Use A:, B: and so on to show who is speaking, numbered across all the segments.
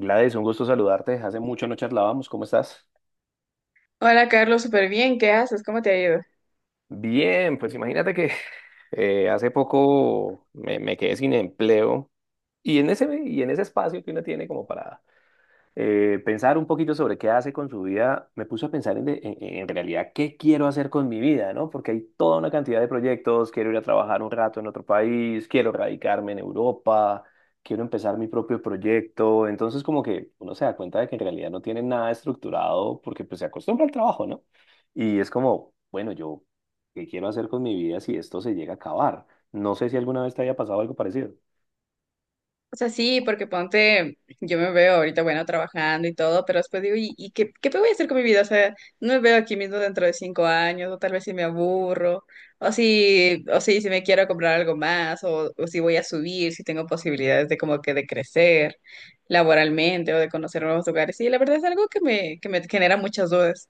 A: Gladys, un gusto saludarte. Hace mucho no charlábamos. ¿Cómo estás?
B: Hola Carlos, súper bien, ¿qué haces? ¿Cómo te ha ido?
A: Bien, pues imagínate que hace poco me quedé sin empleo y en ese espacio que uno tiene como para pensar un poquito sobre qué hace con su vida, me puso a pensar en realidad qué quiero hacer con mi vida, ¿no? Porque hay toda una cantidad de proyectos, quiero ir a trabajar un rato en otro país, quiero radicarme en Europa, quiero empezar mi propio proyecto. Entonces como que uno se da cuenta de que en realidad no tiene nada estructurado, porque pues se acostumbra al trabajo, ¿no? Y es como, bueno, yo, ¿qué quiero hacer con mi vida si esto se llega a acabar? No sé si alguna vez te haya pasado algo parecido.
B: O sea, sí, porque ponte, yo me veo ahorita, bueno, trabajando y todo, pero después digo, ¿y qué voy a hacer con mi vida? O sea, no me veo aquí mismo dentro de 5 años, o tal vez si me aburro, o si me quiero comprar algo más, o si voy a subir, si tengo posibilidades de como que de crecer laboralmente o de conocer nuevos lugares. Sí, la verdad es algo que me genera muchas dudas.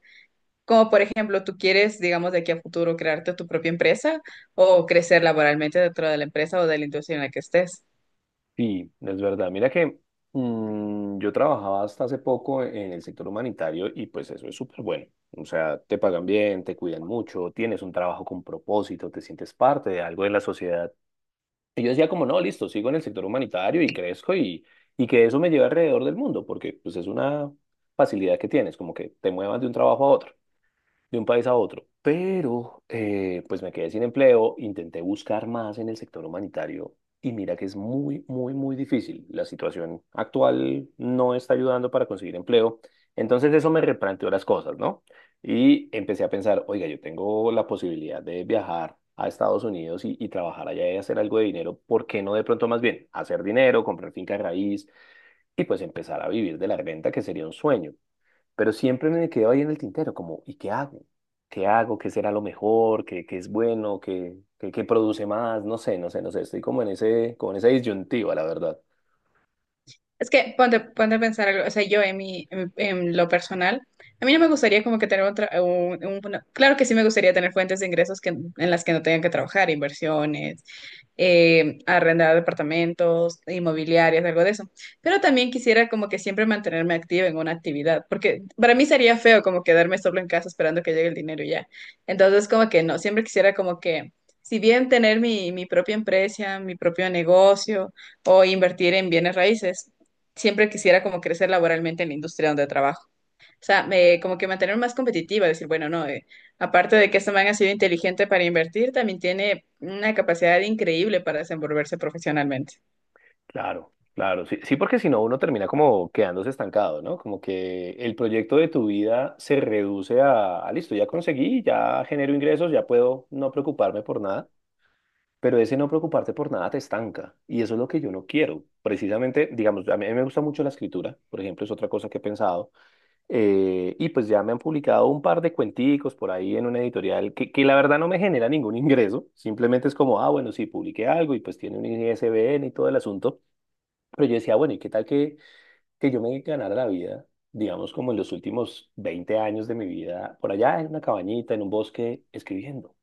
B: Como por ejemplo, tú quieres, digamos, de aquí a futuro crearte tu propia empresa o crecer laboralmente dentro de la empresa o de la industria en la que estés.
A: Sí, es verdad. Mira que yo trabajaba hasta hace poco en el sector humanitario, y pues eso es súper bueno. O sea, te pagan bien, te cuidan mucho, tienes un trabajo con propósito, te sientes parte de algo de la sociedad. Y yo decía como, no, listo, sigo en el sector humanitario y crezco, y que eso me lleve alrededor del mundo, porque pues es una facilidad que tienes, como que te muevas de un trabajo a otro, de un país a otro. Pero pues me quedé sin empleo, intenté buscar más en el sector humanitario y mira que es muy, muy, muy difícil. La situación actual no está ayudando para conseguir empleo. Entonces eso me replanteó las cosas, ¿no? Y empecé a pensar, oiga, yo tengo la posibilidad de viajar a Estados Unidos y trabajar allá y hacer algo de dinero. ¿Por qué no, de pronto, más bien hacer dinero, comprar finca raíz y pues empezar a vivir de la renta, que sería un sueño? Pero siempre me quedaba ahí en el tintero, como, ¿y qué hago? ¿Qué hago? ¿Qué será lo mejor? ¿Qué, qué es bueno? ¿Qué, qué, qué produce más? No sé, no sé, no sé. Estoy como en ese, como en esa disyuntiva, la verdad.
B: Es que ponte, ponte a pensar algo, o sea, yo en lo personal, a mí no me gustaría como que tener otra, claro que sí me gustaría tener fuentes de ingresos que, en las que no tengan que trabajar, inversiones, arrendar departamentos, inmobiliarias, algo de eso. Pero también quisiera como que siempre mantenerme activa en una actividad, porque para mí sería feo como quedarme solo en casa esperando que llegue el dinero y ya. Entonces como que no, siempre quisiera como que, si bien tener mi propia empresa, mi propio negocio o invertir en bienes raíces siempre quisiera como crecer laboralmente en la industria donde trabajo. O sea, me, como que mantener más competitiva, decir, bueno, no, aparte de que este man ha sido inteligente para invertir, también tiene una capacidad increíble para desenvolverse profesionalmente.
A: Claro, claro. Sí, sí, porque si no, uno termina como quedándose estancado, ¿no? Como que el proyecto de tu vida se reduce a listo, ya conseguí, ya genero ingresos, ya puedo no preocuparme por nada. Pero ese no preocuparte por nada te estanca. Y eso es lo que yo no quiero. Precisamente, digamos, a mí me gusta mucho la escritura, por ejemplo, es otra cosa que he pensado. Y pues ya me han publicado un par de cuenticos por ahí en una editorial que la verdad no me genera ningún ingreso, simplemente es como, ah, bueno, sí, publiqué algo y pues tiene un ISBN y todo el asunto. Pero yo decía, bueno, ¿y qué tal que yo me ganara la vida, digamos, como en los últimos 20 años de mi vida, por allá en una cabañita, en un bosque, escribiendo?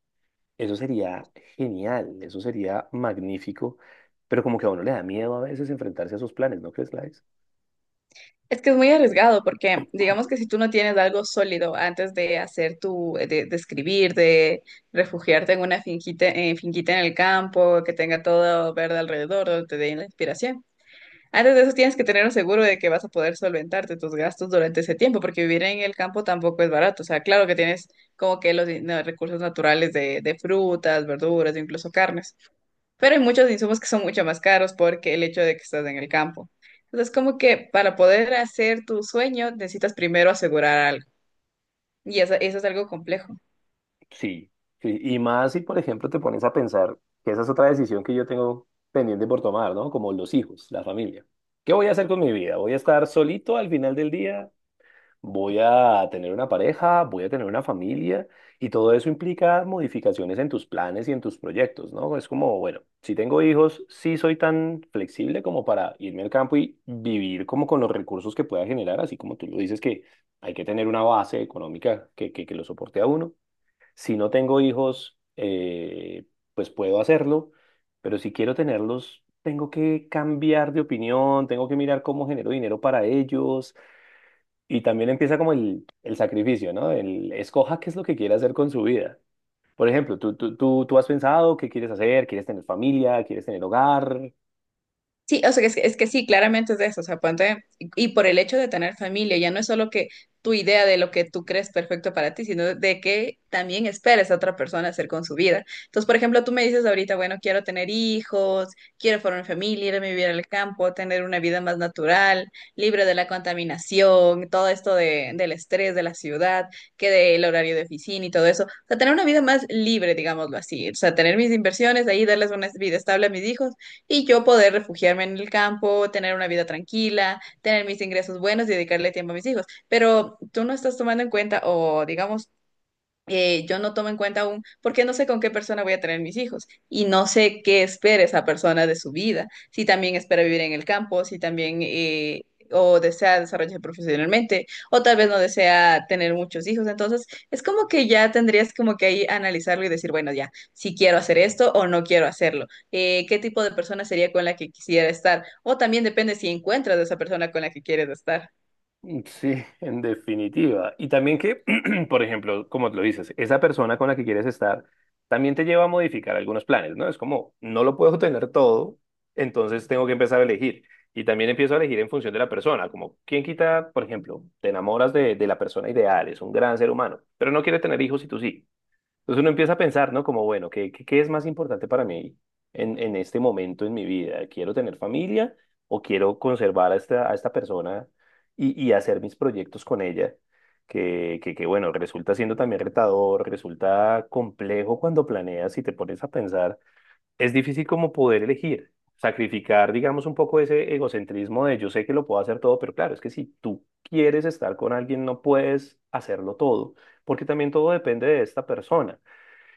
A: Eso sería genial, eso sería magnífico, pero como que a uno le da miedo a veces enfrentarse a sus planes, ¿no crees, Lai?
B: Es que es muy arriesgado porque digamos que si tú no tienes algo sólido antes de hacer de escribir, de refugiarte en una finquita en el campo, que tenga todo verde alrededor, donde te dé la inspiración. Antes de eso tienes que tener un seguro de que vas a poder solventarte tus gastos durante ese tiempo, porque vivir en el campo tampoco es barato. O sea, claro que tienes como que los no, recursos naturales de frutas, verduras, incluso carnes, pero hay muchos insumos que son mucho más caros porque el hecho de que estás en el campo. Entonces, como que para poder hacer tu sueño necesitas primero asegurar algo, y eso es algo complejo.
A: Sí, sí, y más si, por ejemplo, te pones a pensar que esa es otra decisión que yo tengo pendiente por tomar, ¿no? Como los hijos, la familia. ¿Qué voy a hacer con mi vida? ¿Voy a estar solito al final del día? ¿Voy a tener una pareja? ¿Voy a tener una familia? Y todo eso implica modificaciones en tus planes y en tus proyectos, ¿no? Es como, bueno, si tengo hijos, sí soy tan flexible como para irme al campo y vivir como con los recursos que pueda generar, así como tú lo dices, que hay que tener una base económica que lo soporte a uno. Si no tengo hijos, pues puedo hacerlo, pero si quiero tenerlos, tengo que cambiar de opinión, tengo que mirar cómo genero dinero para ellos. Y también empieza como el sacrificio, ¿no? El escoja qué es lo que quiere hacer con su vida. Por ejemplo, tú has pensado qué quieres hacer, quieres tener familia, quieres tener hogar.
B: Sí, o sea, es que sí, claramente es de eso, o sea, ponte, y por el hecho de tener familia, ya no es solo que tu idea de lo que tú crees perfecto para ti, sino de que también esperes a otra persona hacer con su vida. Entonces, por ejemplo, tú me dices ahorita, bueno, quiero tener hijos, quiero formar familia, irme a vivir al campo, tener una vida más natural, libre de la contaminación, todo esto de, del estrés de la ciudad, que del horario de oficina y todo eso. O sea, tener una vida más libre, digámoslo así. O sea, tener mis inversiones, ahí darles una vida estable a mis hijos y yo poder refugiarme en el campo, tener una vida tranquila, tener mis ingresos buenos y dedicarle tiempo a mis hijos. Pero tú no estás tomando en cuenta, o digamos, yo no tomo en cuenta aún, porque no sé con qué persona voy a tener mis hijos y no sé qué espera esa persona de su vida, si también espera vivir en el campo, si también o desea desarrollarse profesionalmente, o tal vez no desea tener muchos hijos. Entonces, es como que ya tendrías como que ahí analizarlo y decir, bueno, ya, si quiero hacer esto o no quiero hacerlo. Qué tipo de persona sería con la que quisiera estar, o también depende si encuentras a esa persona con la que quieres estar.
A: Mm, sí, en definitiva. Y también que, por ejemplo, como lo dices, esa persona con la que quieres estar también te lleva a modificar algunos planes, ¿no? Es como, no lo puedo tener todo, entonces tengo que empezar a elegir. Y también empiezo a elegir en función de la persona, como, ¿quién quita? Por ejemplo, te enamoras de la persona ideal, es un gran ser humano, pero no quiere tener hijos y tú sí. Entonces uno empieza a pensar, ¿no? Como, bueno, ¿qué, qué, qué es más importante para mí en este momento en mi vida? ¿Quiero tener familia o quiero conservar a esta, persona y hacer mis proyectos con ella? Bueno, resulta siendo también retador, resulta complejo cuando planeas y te pones a pensar. Es difícil como poder elegir, sacrificar, digamos, un poco ese egocentrismo de yo sé que lo puedo hacer todo, pero claro, es que si tú quieres estar con alguien, no puedes hacerlo todo, porque también todo depende de esta persona.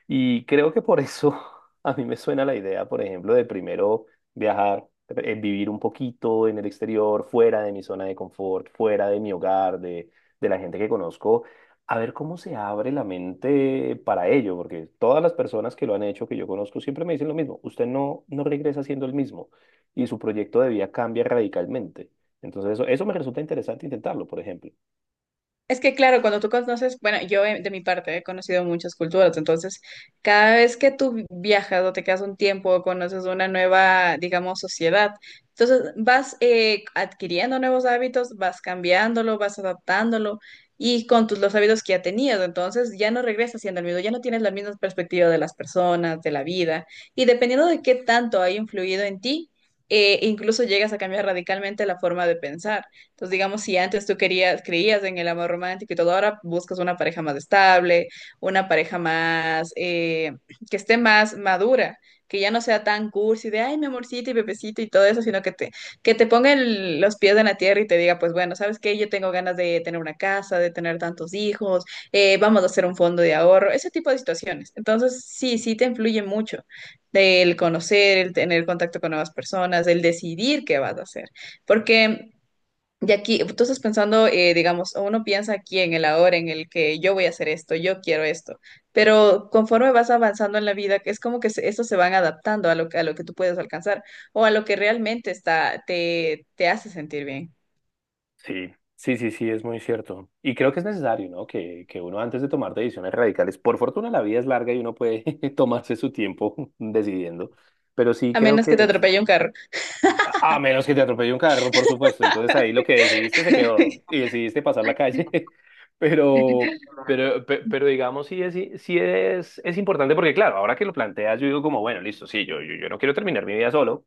A: Y creo que por eso a mí me suena la idea, por ejemplo, de primero viajar, vivir un poquito en el exterior, fuera de mi zona de confort, fuera de mi hogar, de la gente que conozco, a ver cómo se abre la mente para ello, porque todas las personas que lo han hecho, que yo conozco, siempre me dicen lo mismo: usted no regresa siendo el mismo y su proyecto de vida cambia radicalmente. Entonces eso me resulta interesante intentarlo, por ejemplo.
B: Es que claro, cuando tú conoces, bueno, yo de mi parte he conocido muchas culturas, entonces cada vez que tú viajas o te quedas un tiempo o conoces una nueva, digamos, sociedad, entonces vas adquiriendo nuevos hábitos, vas cambiándolo, vas adaptándolo y con los hábitos que ya tenías, entonces ya no regresas siendo el mismo, ya no tienes la misma perspectiva de las personas, de la vida y dependiendo de qué tanto ha influido en ti, incluso llegas a cambiar radicalmente la forma de pensar. Entonces, digamos, si antes tú querías, creías en el amor romántico y todo, ahora buscas una pareja más estable, una pareja más, que esté más madura, que ya no sea tan cursi de, ay, mi amorcito y bebecito y todo eso, sino que te ponga los pies en la tierra y te diga, pues bueno, ¿sabes qué? Yo tengo ganas de tener una casa, de tener tantos hijos, vamos a hacer un fondo de ahorro, ese tipo de situaciones. Entonces, sí, sí te influye mucho del conocer, el tener contacto con nuevas personas, el decidir qué vas a hacer. Porque, y aquí, tú estás pensando, digamos, uno piensa aquí en el ahora, en el que yo voy a hacer esto, yo quiero esto, pero conforme vas avanzando en la vida, es como que estos se van adaptando a lo, a lo que tú puedes alcanzar o a lo que realmente está, te hace sentir bien,
A: Sí, sí, sí, sí, es muy cierto. Y creo que es necesario, ¿no? Que uno antes de tomar decisiones radicales, por fortuna la vida es larga y uno puede tomarse su tiempo decidiendo, pero sí
B: a
A: creo
B: menos
A: que
B: que te atropelle un carro.
A: A menos que te atropelle un carro, por supuesto. Entonces ahí lo que decidiste se quedó y decidiste pasar la calle. Pero, pero, digamos, sí es, es importante, porque, claro, ahora que lo planteas, yo digo como, bueno, listo, sí, yo no quiero terminar mi vida solo.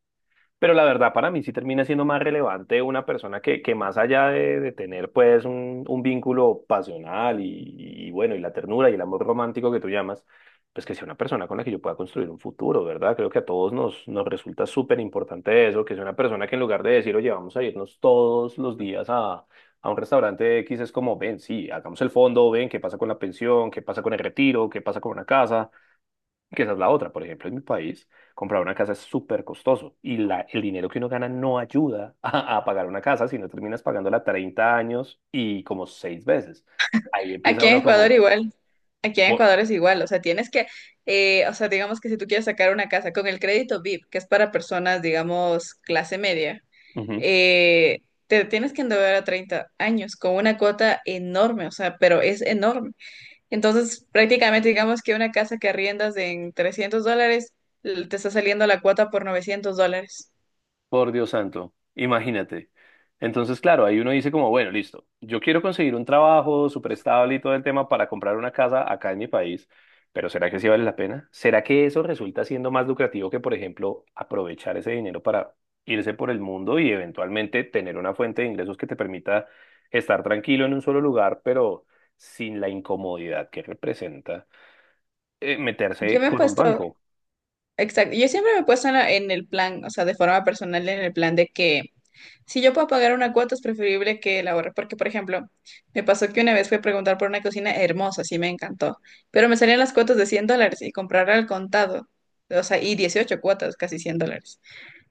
A: Pero la verdad, para mí sí termina siendo más relevante una persona que más allá de tener pues un, vínculo pasional y bueno, y la ternura y el amor romántico que tú llamas, pues que sea una persona con la que yo pueda construir un futuro, ¿verdad? Creo que a todos nos resulta súper importante eso, que sea una persona que en lugar de decir, oye, vamos a irnos todos los días a un restaurante X, es como, ven, sí, hagamos el fondo, ven, qué pasa con la pensión, qué pasa con el retiro, qué pasa con una casa, que esa es la otra. Por ejemplo, en mi país, comprar una casa es súper costoso, y el dinero que uno gana no ayuda a pagar una casa, sino terminas pagándola 30 años y como seis veces. Ahí empieza
B: Aquí en
A: uno
B: Ecuador
A: como...
B: igual. Aquí en
A: po-
B: Ecuador es igual, o sea, tienes que, o sea, digamos que si tú quieres sacar una casa con el crédito VIP, que es para personas, digamos, clase media, eh, te tienes que endeudar a 30 años con una cuota enorme, o sea, pero es enorme. Entonces, prácticamente digamos que una casa que arriendas en $300, te está saliendo la cuota por $900.
A: Por Dios santo, imagínate. Entonces, claro, ahí uno dice como, bueno, listo, yo quiero conseguir un trabajo súper estable y todo el tema para comprar una casa acá en mi país, pero ¿será que sí vale la pena? ¿Será que eso resulta siendo más lucrativo que, por ejemplo, aprovechar ese dinero para irse por el mundo y eventualmente tener una fuente de ingresos que te permita estar tranquilo en un solo lugar, pero sin la incomodidad que representa
B: Yo
A: meterse
B: me he
A: con un
B: puesto.
A: banco?
B: Exacto. Yo siempre me he puesto en, en el plan, o sea, de forma personal, en el plan de que si yo puedo pagar una cuota es preferible que la ahorre. Porque, por ejemplo, me pasó que una vez fui a preguntar por una cocina hermosa, sí me encantó, pero me salían las cuotas de $100 y comprar al contado, o sea, y 18 cuotas, casi $100.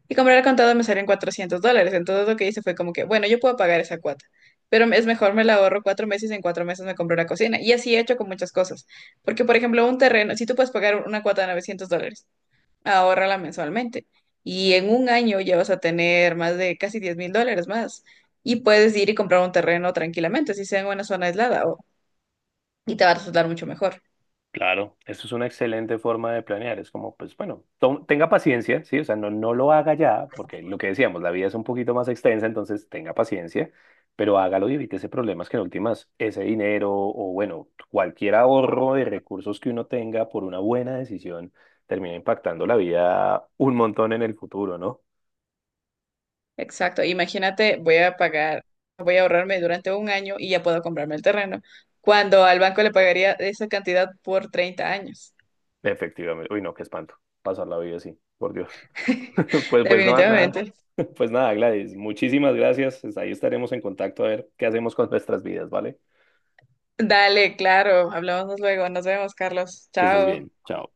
B: Y comprar al contado me salían $400. Entonces lo que hice fue como que, bueno, yo puedo pagar esa cuota. Pero es mejor me la ahorro 4 meses, en 4 meses me compro una cocina. Y así he hecho con muchas cosas. Porque, por ejemplo, un terreno, si tú puedes pagar una cuota de $900, ahórrala mensualmente. Y en un año ya vas a tener más de casi $10,000 más. Y puedes ir y comprar un terreno tranquilamente, si sea en una zona aislada, y te va a resultar mucho mejor.
A: Claro, eso es una excelente forma de planear. Es como, pues bueno, tenga paciencia, ¿sí? O sea, no lo haga ya, porque lo que decíamos, la vida es un poquito más extensa, entonces tenga paciencia, pero hágalo y evite ese problemas que en últimas ese dinero, o bueno, cualquier ahorro de recursos que uno tenga por una buena decisión termina impactando la vida un montón en el futuro, ¿no?
B: Exacto. Imagínate, voy a pagar, voy a ahorrarme durante un año y ya puedo comprarme el terreno, cuando al banco le pagaría esa cantidad por 30 años.
A: Efectivamente. Uy, no, qué espanto. Pasar la vida así, por Dios. Pues, pues no, nada.
B: Definitivamente.
A: Pues nada, Gladys, muchísimas gracias. Pues ahí estaremos en contacto a ver qué hacemos con nuestras vidas, ¿vale?
B: Dale, claro. Hablamos luego. Nos vemos, Carlos.
A: Que estés bien.
B: Chao.
A: Chao.